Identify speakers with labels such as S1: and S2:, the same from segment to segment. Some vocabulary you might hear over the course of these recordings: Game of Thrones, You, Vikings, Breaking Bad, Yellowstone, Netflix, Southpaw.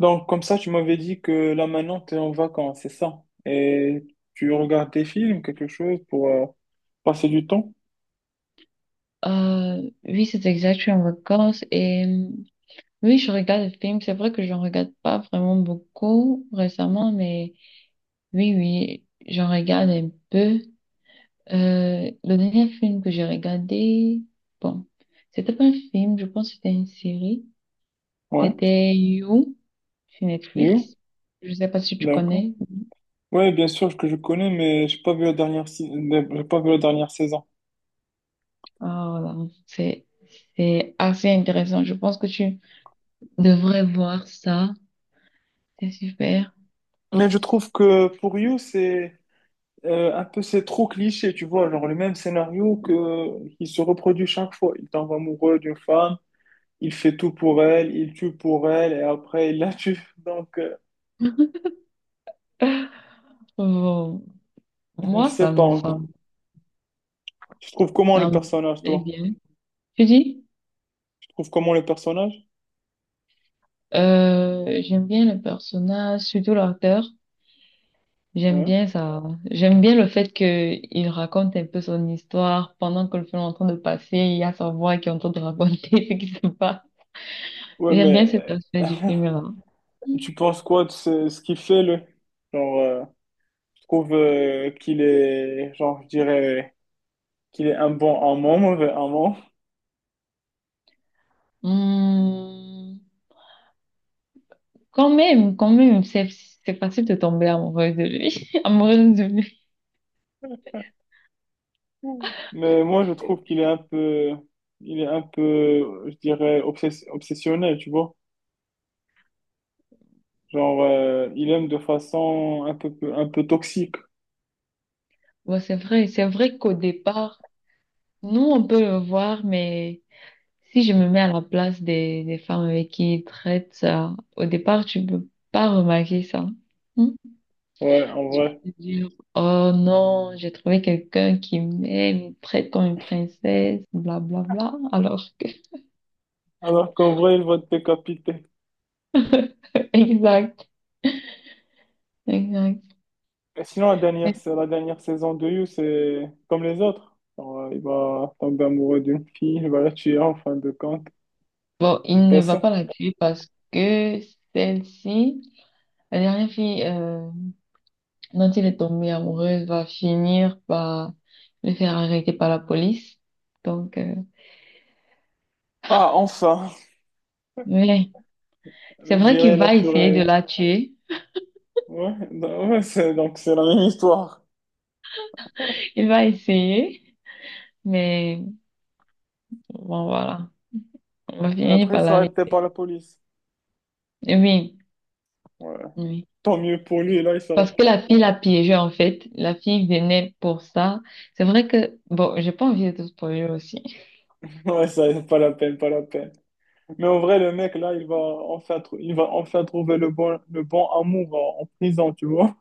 S1: Donc, comme ça, tu m'avais dit que là maintenant, tu es en vacances, c'est ça? Et tu regardes des films, quelque chose pour passer du temps?
S2: Oui, c'est exact, je suis en vacances et oui, je regarde des films. C'est vrai que j'en regarde pas vraiment beaucoup récemment, mais oui, j'en regarde un peu. Le dernier film que j'ai regardé, bon, c'était pas un film, je pense que c'était une série.
S1: Ouais.
S2: C'était You sur
S1: You?
S2: Netflix. Je sais pas si tu
S1: D'accord.
S2: connais.
S1: Ouais, bien sûr que je connais, mais j'ai pas vu la dernière, j'ai pas vu la dernière saison.
S2: Ah, voilà. C'est, c'est assez intéressant. Je pense que tu devrais voir ça. C'est super.
S1: Mais je trouve que pour You, c'est un peu c'est trop cliché, tu vois, genre le même scénario que qui se reproduit chaque fois. Il tombe amoureux d'une femme, il fait tout pour elle, il tue pour elle et après il la tue. Donc,
S2: Bon.
S1: je
S2: Moi,
S1: sais
S2: ça
S1: pas
S2: me, ça,
S1: encore.
S2: me-
S1: Tu trouves comment le
S2: Ça me
S1: personnage,
S2: plaît
S1: toi?
S2: bien. Tu dis,
S1: Tu trouves comment le personnage?
S2: j'aime bien le personnage, surtout l'acteur. J'aime
S1: Ouais.
S2: bien ça. J'aime bien le fait qu'il raconte un peu son histoire pendant que le film est en train de passer. Il y a sa voix qui est en train de raconter ce qui se passe.
S1: Ouais, mais
S2: J'aime bien cet aspect du film-là.
S1: tu penses quoi de ce qu'il fait, le Genre, je trouve qu'il est, genre, je dirais qu'il est un bon amant, mauvais amant.
S2: Hmm. Quand même, quand même, c'est c'est facile de tomber amoureuse de lui, amoureuse de lui.
S1: Mais moi, je trouve qu'il est un peu, je dirais, obsessionnel, tu vois. Genre, il aime de façon un peu toxique,
S2: Bon, c'est vrai qu'au départ, nous on peut le voir, mais si je me mets à la place des femmes avec qui ils traitent ça, au départ, tu peux pas remarquer ça. Hmm.
S1: ouais, en
S2: Tu
S1: vrai.
S2: peux te dire, oh non, j'ai trouvé quelqu'un qui m'aime, il me traite comme une princesse, blablabla. Alors que,
S1: Alors qu'en vrai, il va te décapiter.
S2: exact, exact.
S1: Et sinon, la dernière, c'est la dernière saison de You, c'est comme les autres. Genre, il va tomber amoureux d'une fille, il va la tuer en fin de compte.
S2: Bon, il
S1: Pas
S2: ne va
S1: ça.
S2: pas la tuer parce que celle-ci, la dernière fille dont il est tombé amoureuse, va finir par le faire arrêter par la police. Donc, euh,
S1: Ah, enfin,
S2: ouais.
S1: je
S2: C'est vrai qu'il
S1: dirais la
S2: va essayer de
S1: tuerie.
S2: la tuer.
S1: Ouais, ouais, c'est, donc c'est la même histoire.
S2: Il va essayer, mais bon, voilà. On va
S1: Mais
S2: finir
S1: après, il
S2: par
S1: sera arrêté par
S2: l'arrêter.
S1: la police.
S2: Oui,
S1: Ouais.
S2: oui.
S1: Tant mieux pour lui, là, il sera.
S2: Parce que la fille l'a piégé, en fait. La fille venait pour ça. C'est vrai que, bon, j'ai pas envie de te spoiler aussi.
S1: Ouais, ça, pas la peine, pas la peine. Mais en vrai, le mec, là, il va enfin trouver le bon amour en prison, tu vois.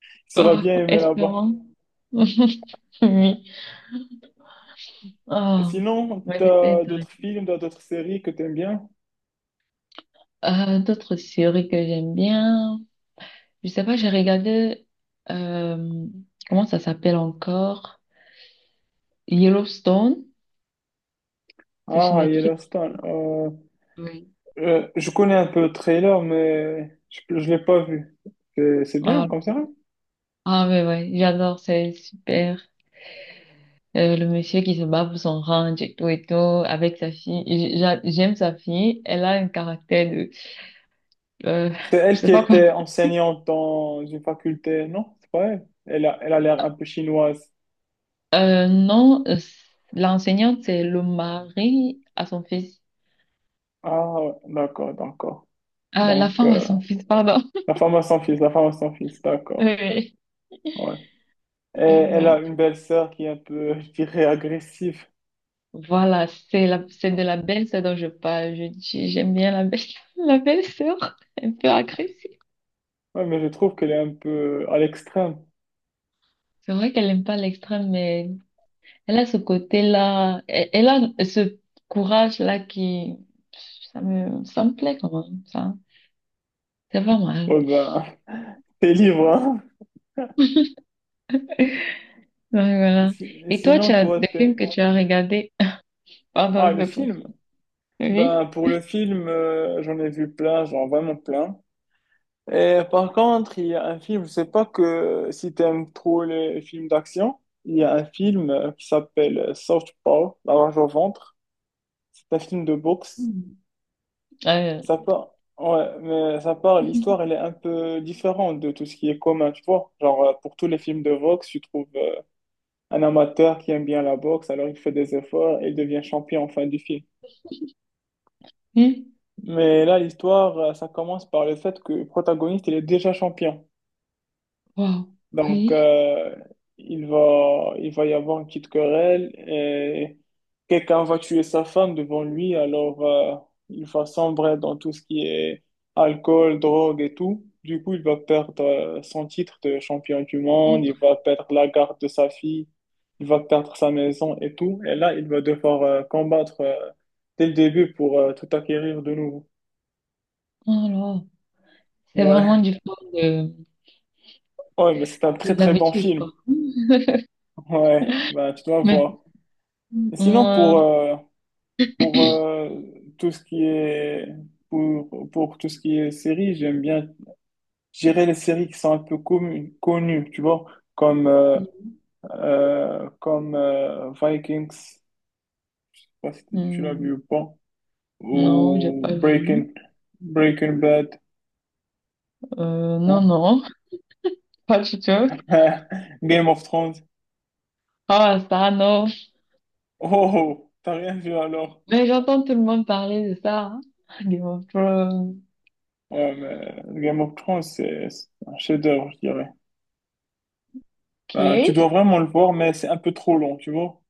S1: Il sera
S2: Ah,
S1: bien aimé là-bas.
S2: espérons. Oui.
S1: Et
S2: Ah,
S1: sinon,
S2: ouais, c'était
S1: t'as d'autres
S2: intéressant.
S1: films, t'as d'autres séries que t'aimes bien?
S2: D'autres séries que j'aime bien. Je sais pas, euh, comment ça s'appelle encore? Yellowstone. C'est sur
S1: Ah,
S2: Netflix.
S1: Yellowstone. Euh,
S2: Oui.
S1: Euh, je connais un peu le trailer, mais je ne l'ai pas vu. C'est bien
S2: Ah,
S1: comme ça.
S2: ah ouais, j'adore, c'est super. Le monsieur qui se bat pour son ranch et tout, avec sa fille. J'aime sa fille, elle a un caractère de... Euh,
S1: C'est
S2: je
S1: elle qui
S2: sais pas quoi.
S1: était enseignante dans une faculté, non? C'est pas elle. Elle a, elle a l'air un peu chinoise.
S2: Non, L'enseignante, c'est le mari à son fils.
S1: Ah, ouais, d'accord, d'accord.
S2: Ah, la
S1: Donc,
S2: femme à son fils, pardon.
S1: la femme à son fils, la femme à son fils, d'accord.
S2: Oui,
S1: Ouais. Et elle a
S2: exact.
S1: une belle sœur qui est un peu, je dirais, agressive.
S2: Voilà, c'est de la belle-sœur dont je parle. J'aime bien la belle, la belle-sœur, un peu agressive.
S1: Ouais, mais je trouve qu'elle est un peu à l'extrême.
S2: C'est vrai qu'elle n'aime pas l'extrême, mais elle a ce côté-là, elle a ce courage-là qui, ça me plaît quand même, ça. C'est pas mal.
S1: Ouais, ben, t'es libre, hein?
S2: Ouais, voilà.
S1: Si-
S2: Et toi, tu
S1: Sinon,
S2: as
S1: toi,
S2: des
S1: t'es...
S2: films que tu as regardés? Pardon,
S1: Ah, le
S2: je te coupe.
S1: film?
S2: Oui?
S1: Ben, pour le film, j'en ai vu plein, genre vraiment plein. Et par contre, il y a un film, je sais pas que si t'aimes trop les films d'action, il y a un film qui s'appelle Southpaw, La rage au ventre. C'est un film de boxe.
S2: Mm. Euh,
S1: Ça parle... Ouais, mais ça parle, l'histoire, elle est un peu différente de tout ce qui est commun, tu vois. Genre, pour tous les films de boxe, tu trouves un amateur qui aime bien la boxe, alors il fait des efforts et il devient champion en fin du film.
S2: oui?
S1: Mais là, l'histoire, ça commence par le fait que le protagoniste, il est déjà champion.
S2: Wow.
S1: Donc,
S2: Oui?
S1: il va y avoir une petite querelle et quelqu'un va tuer sa femme devant lui. Alors, il va sombrer dans tout ce qui est alcool, drogue et tout. Du coup, il va perdre, son titre de champion du monde. Il va perdre la garde de sa fille. Il va perdre sa maison et tout. Et là, il va devoir, combattre, dès le début pour, tout acquérir de nouveau.
S2: Alors, c'est vraiment
S1: Ouais. Ouais, mais c'est un très
S2: de
S1: très bon
S2: l'habitude,
S1: film.
S2: quoi.
S1: Ouais, bah tu dois
S2: Mais,
S1: voir. Et sinon
S2: moi,
S1: pour tout ce qui est pour tout ce qui est série, j'aime bien gérer les séries qui sont un peu connues, tu vois, comme euh, comme Vikings, je sais pas si tu l'as
S2: hmm,
S1: vu ou pas,
S2: non, j'ai
S1: ou
S2: pas vu.
S1: Breaking Bad, non?
S2: Non, pas du tout.
S1: Game of Thrones.
S2: Ah, ça, non.
S1: Oh, oh, t'as rien vu alors?
S2: Mais j'entends tout le monde parler de ça, hein. Game of Thrones.
S1: Ouais, mais Game of Thrones, c'est un chef-d'œuvre, je dirais. Ben, tu
S2: Ok.
S1: dois vraiment le voir, mais c'est un peu trop long, tu vois.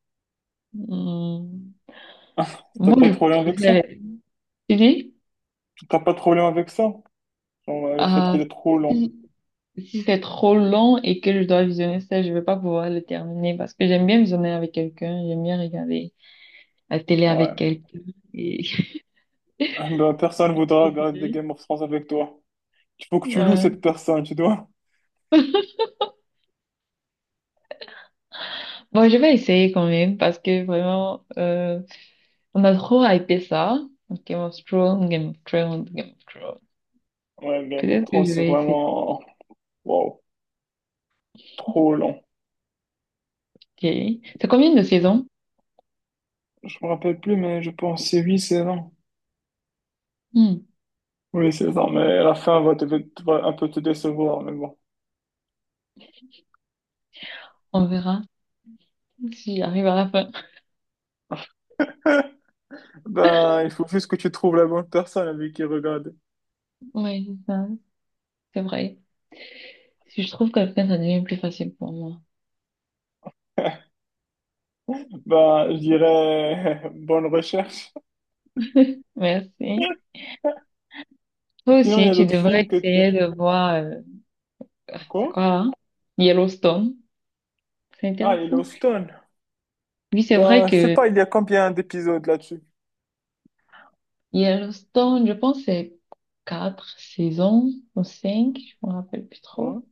S2: Hmm.
S1: T'as
S2: Moi,
S1: pas
S2: je
S1: trop long avec ça?
S2: préfère tu dis,
S1: T'as pas trop long avec ça? Genre, le fait
S2: euh,
S1: qu'il est trop long.
S2: si, si c'est trop long et que je dois visionner ça, je vais pas pouvoir le terminer parce que j'aime bien visionner avec quelqu'un, j'aime bien regarder la télé
S1: Ouais.
S2: avec quelqu'un. Et...
S1: Ben, personne voudra
S2: et c'est
S1: regarder
S2: vrai.
S1: Game of Thrones avec toi. Il faut que tu loues
S2: Ouais.
S1: cette personne, tu dois.
S2: Bon, je vais essayer quand même parce que vraiment, on a trop hypé ça. Game of Thrones, Game of Thrones, Game of Thrones.
S1: Ouais, Game of
S2: Peut-être que
S1: Thrones,
S2: je
S1: c'est
S2: vais essayer.
S1: vraiment... Wow, trop long.
S2: Ok. C'est combien de saisons?
S1: Je me rappelle plus, mais je pense que c'est 8 saisons.
S2: Hmm,
S1: Oui, c'est ça, mais la fin va un peu te décevoir, mais bon.
S2: on verra si j'arrive à la fin.
S1: Ben, il faut juste que tu trouves la bonne personne avec qui regarder.
S2: Oui, c'est ça, c'est vrai. Si je trouve quelqu'un, ça devient plus facile pour moi.
S1: Ben, je dirais bonne recherche.
S2: Merci. Toi
S1: Sinon, il y
S2: aussi,
S1: a
S2: tu
S1: d'autres
S2: devrais
S1: films que t'es.
S2: essayer de voir, ah, c'est
S1: Quoi?
S2: quoi là? Yellowstone. C'est
S1: Ah,
S2: intéressant.
S1: Yellowstone.
S2: Oui, c'est vrai
S1: Ben, je sais
S2: que
S1: pas, il y a combien d'épisodes là-dessus?
S2: Yellowstone, je pense, que c'est 4 saisons ou 5, je me rappelle plus trop.
S1: Hein.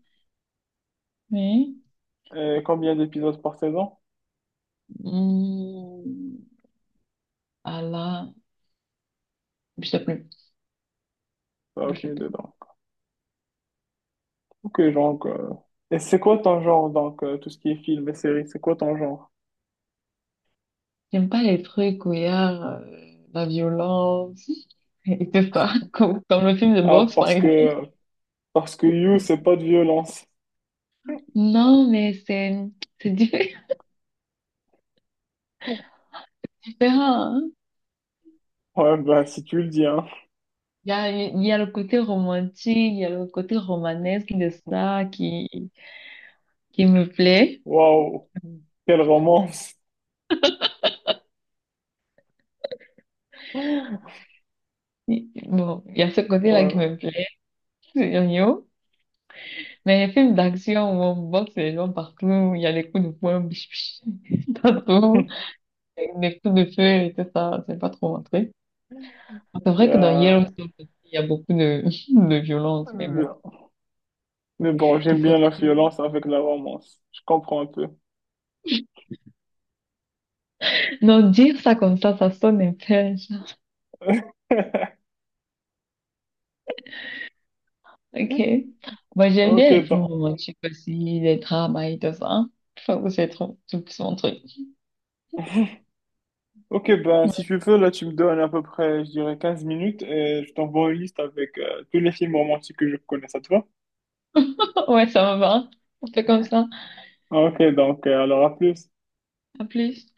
S2: Mais,
S1: Et combien d'épisodes par saison?
S2: hmm, ah là, je sais plus.
S1: Ben,
S2: Je sais
S1: aucune idée,
S2: plus.
S1: donc. Ok, donc. Et c'est quoi ton genre, donc, tout ce qui est film et série, c'est quoi ton genre?
S2: J'aime pas les trucs où il y a la violence et tout ça, comme le film de
S1: Ah,
S2: boxe, par
S1: parce
S2: exemple.
S1: que, parce que You, c'est pas de violence.
S2: Non, mais c'est diffé- différent, hein.
S1: Ouais, ben, si tu le dis, hein.
S2: Il y a le côté romantique, il y a le côté romanesque de ça qui me plaît.
S1: Waouh, quelle romance.
S2: Bon, il y a ce côté-là qui
S1: Ouais.
S2: me plaît, c'est igno. Mais les films d'action où on boxe les gens partout, il y a les coups de poing, biche, partout, les coups de feu et tout ça, c'est pas trop mon... C'est vrai que dans
S1: Euh,
S2: Yellow Stone aussi, il y a beaucoup de, de violence, mais
S1: euh,
S2: bon.
S1: mais bon,
S2: Il
S1: j'aime
S2: faut...
S1: bien la violence avec la romance. Je comprends un peu.
S2: Non, dire ça comme ça sonne un peu genre, ok. Moi, j'aime
S1: Ok,
S2: bien les films
S1: ben.
S2: romantiques aussi, les drames et tout ça. Je trouve que c'est trop, tout son truc.
S1: Ok, ben, si tu veux, là, tu me donnes à peu près, je dirais, 15 minutes et je t'envoie une liste avec tous les films romantiques que je connais, ça te va?
S2: Ouais, ça me va. On fait comme ça.
S1: Ok, donc, alors à plus.
S2: À plus.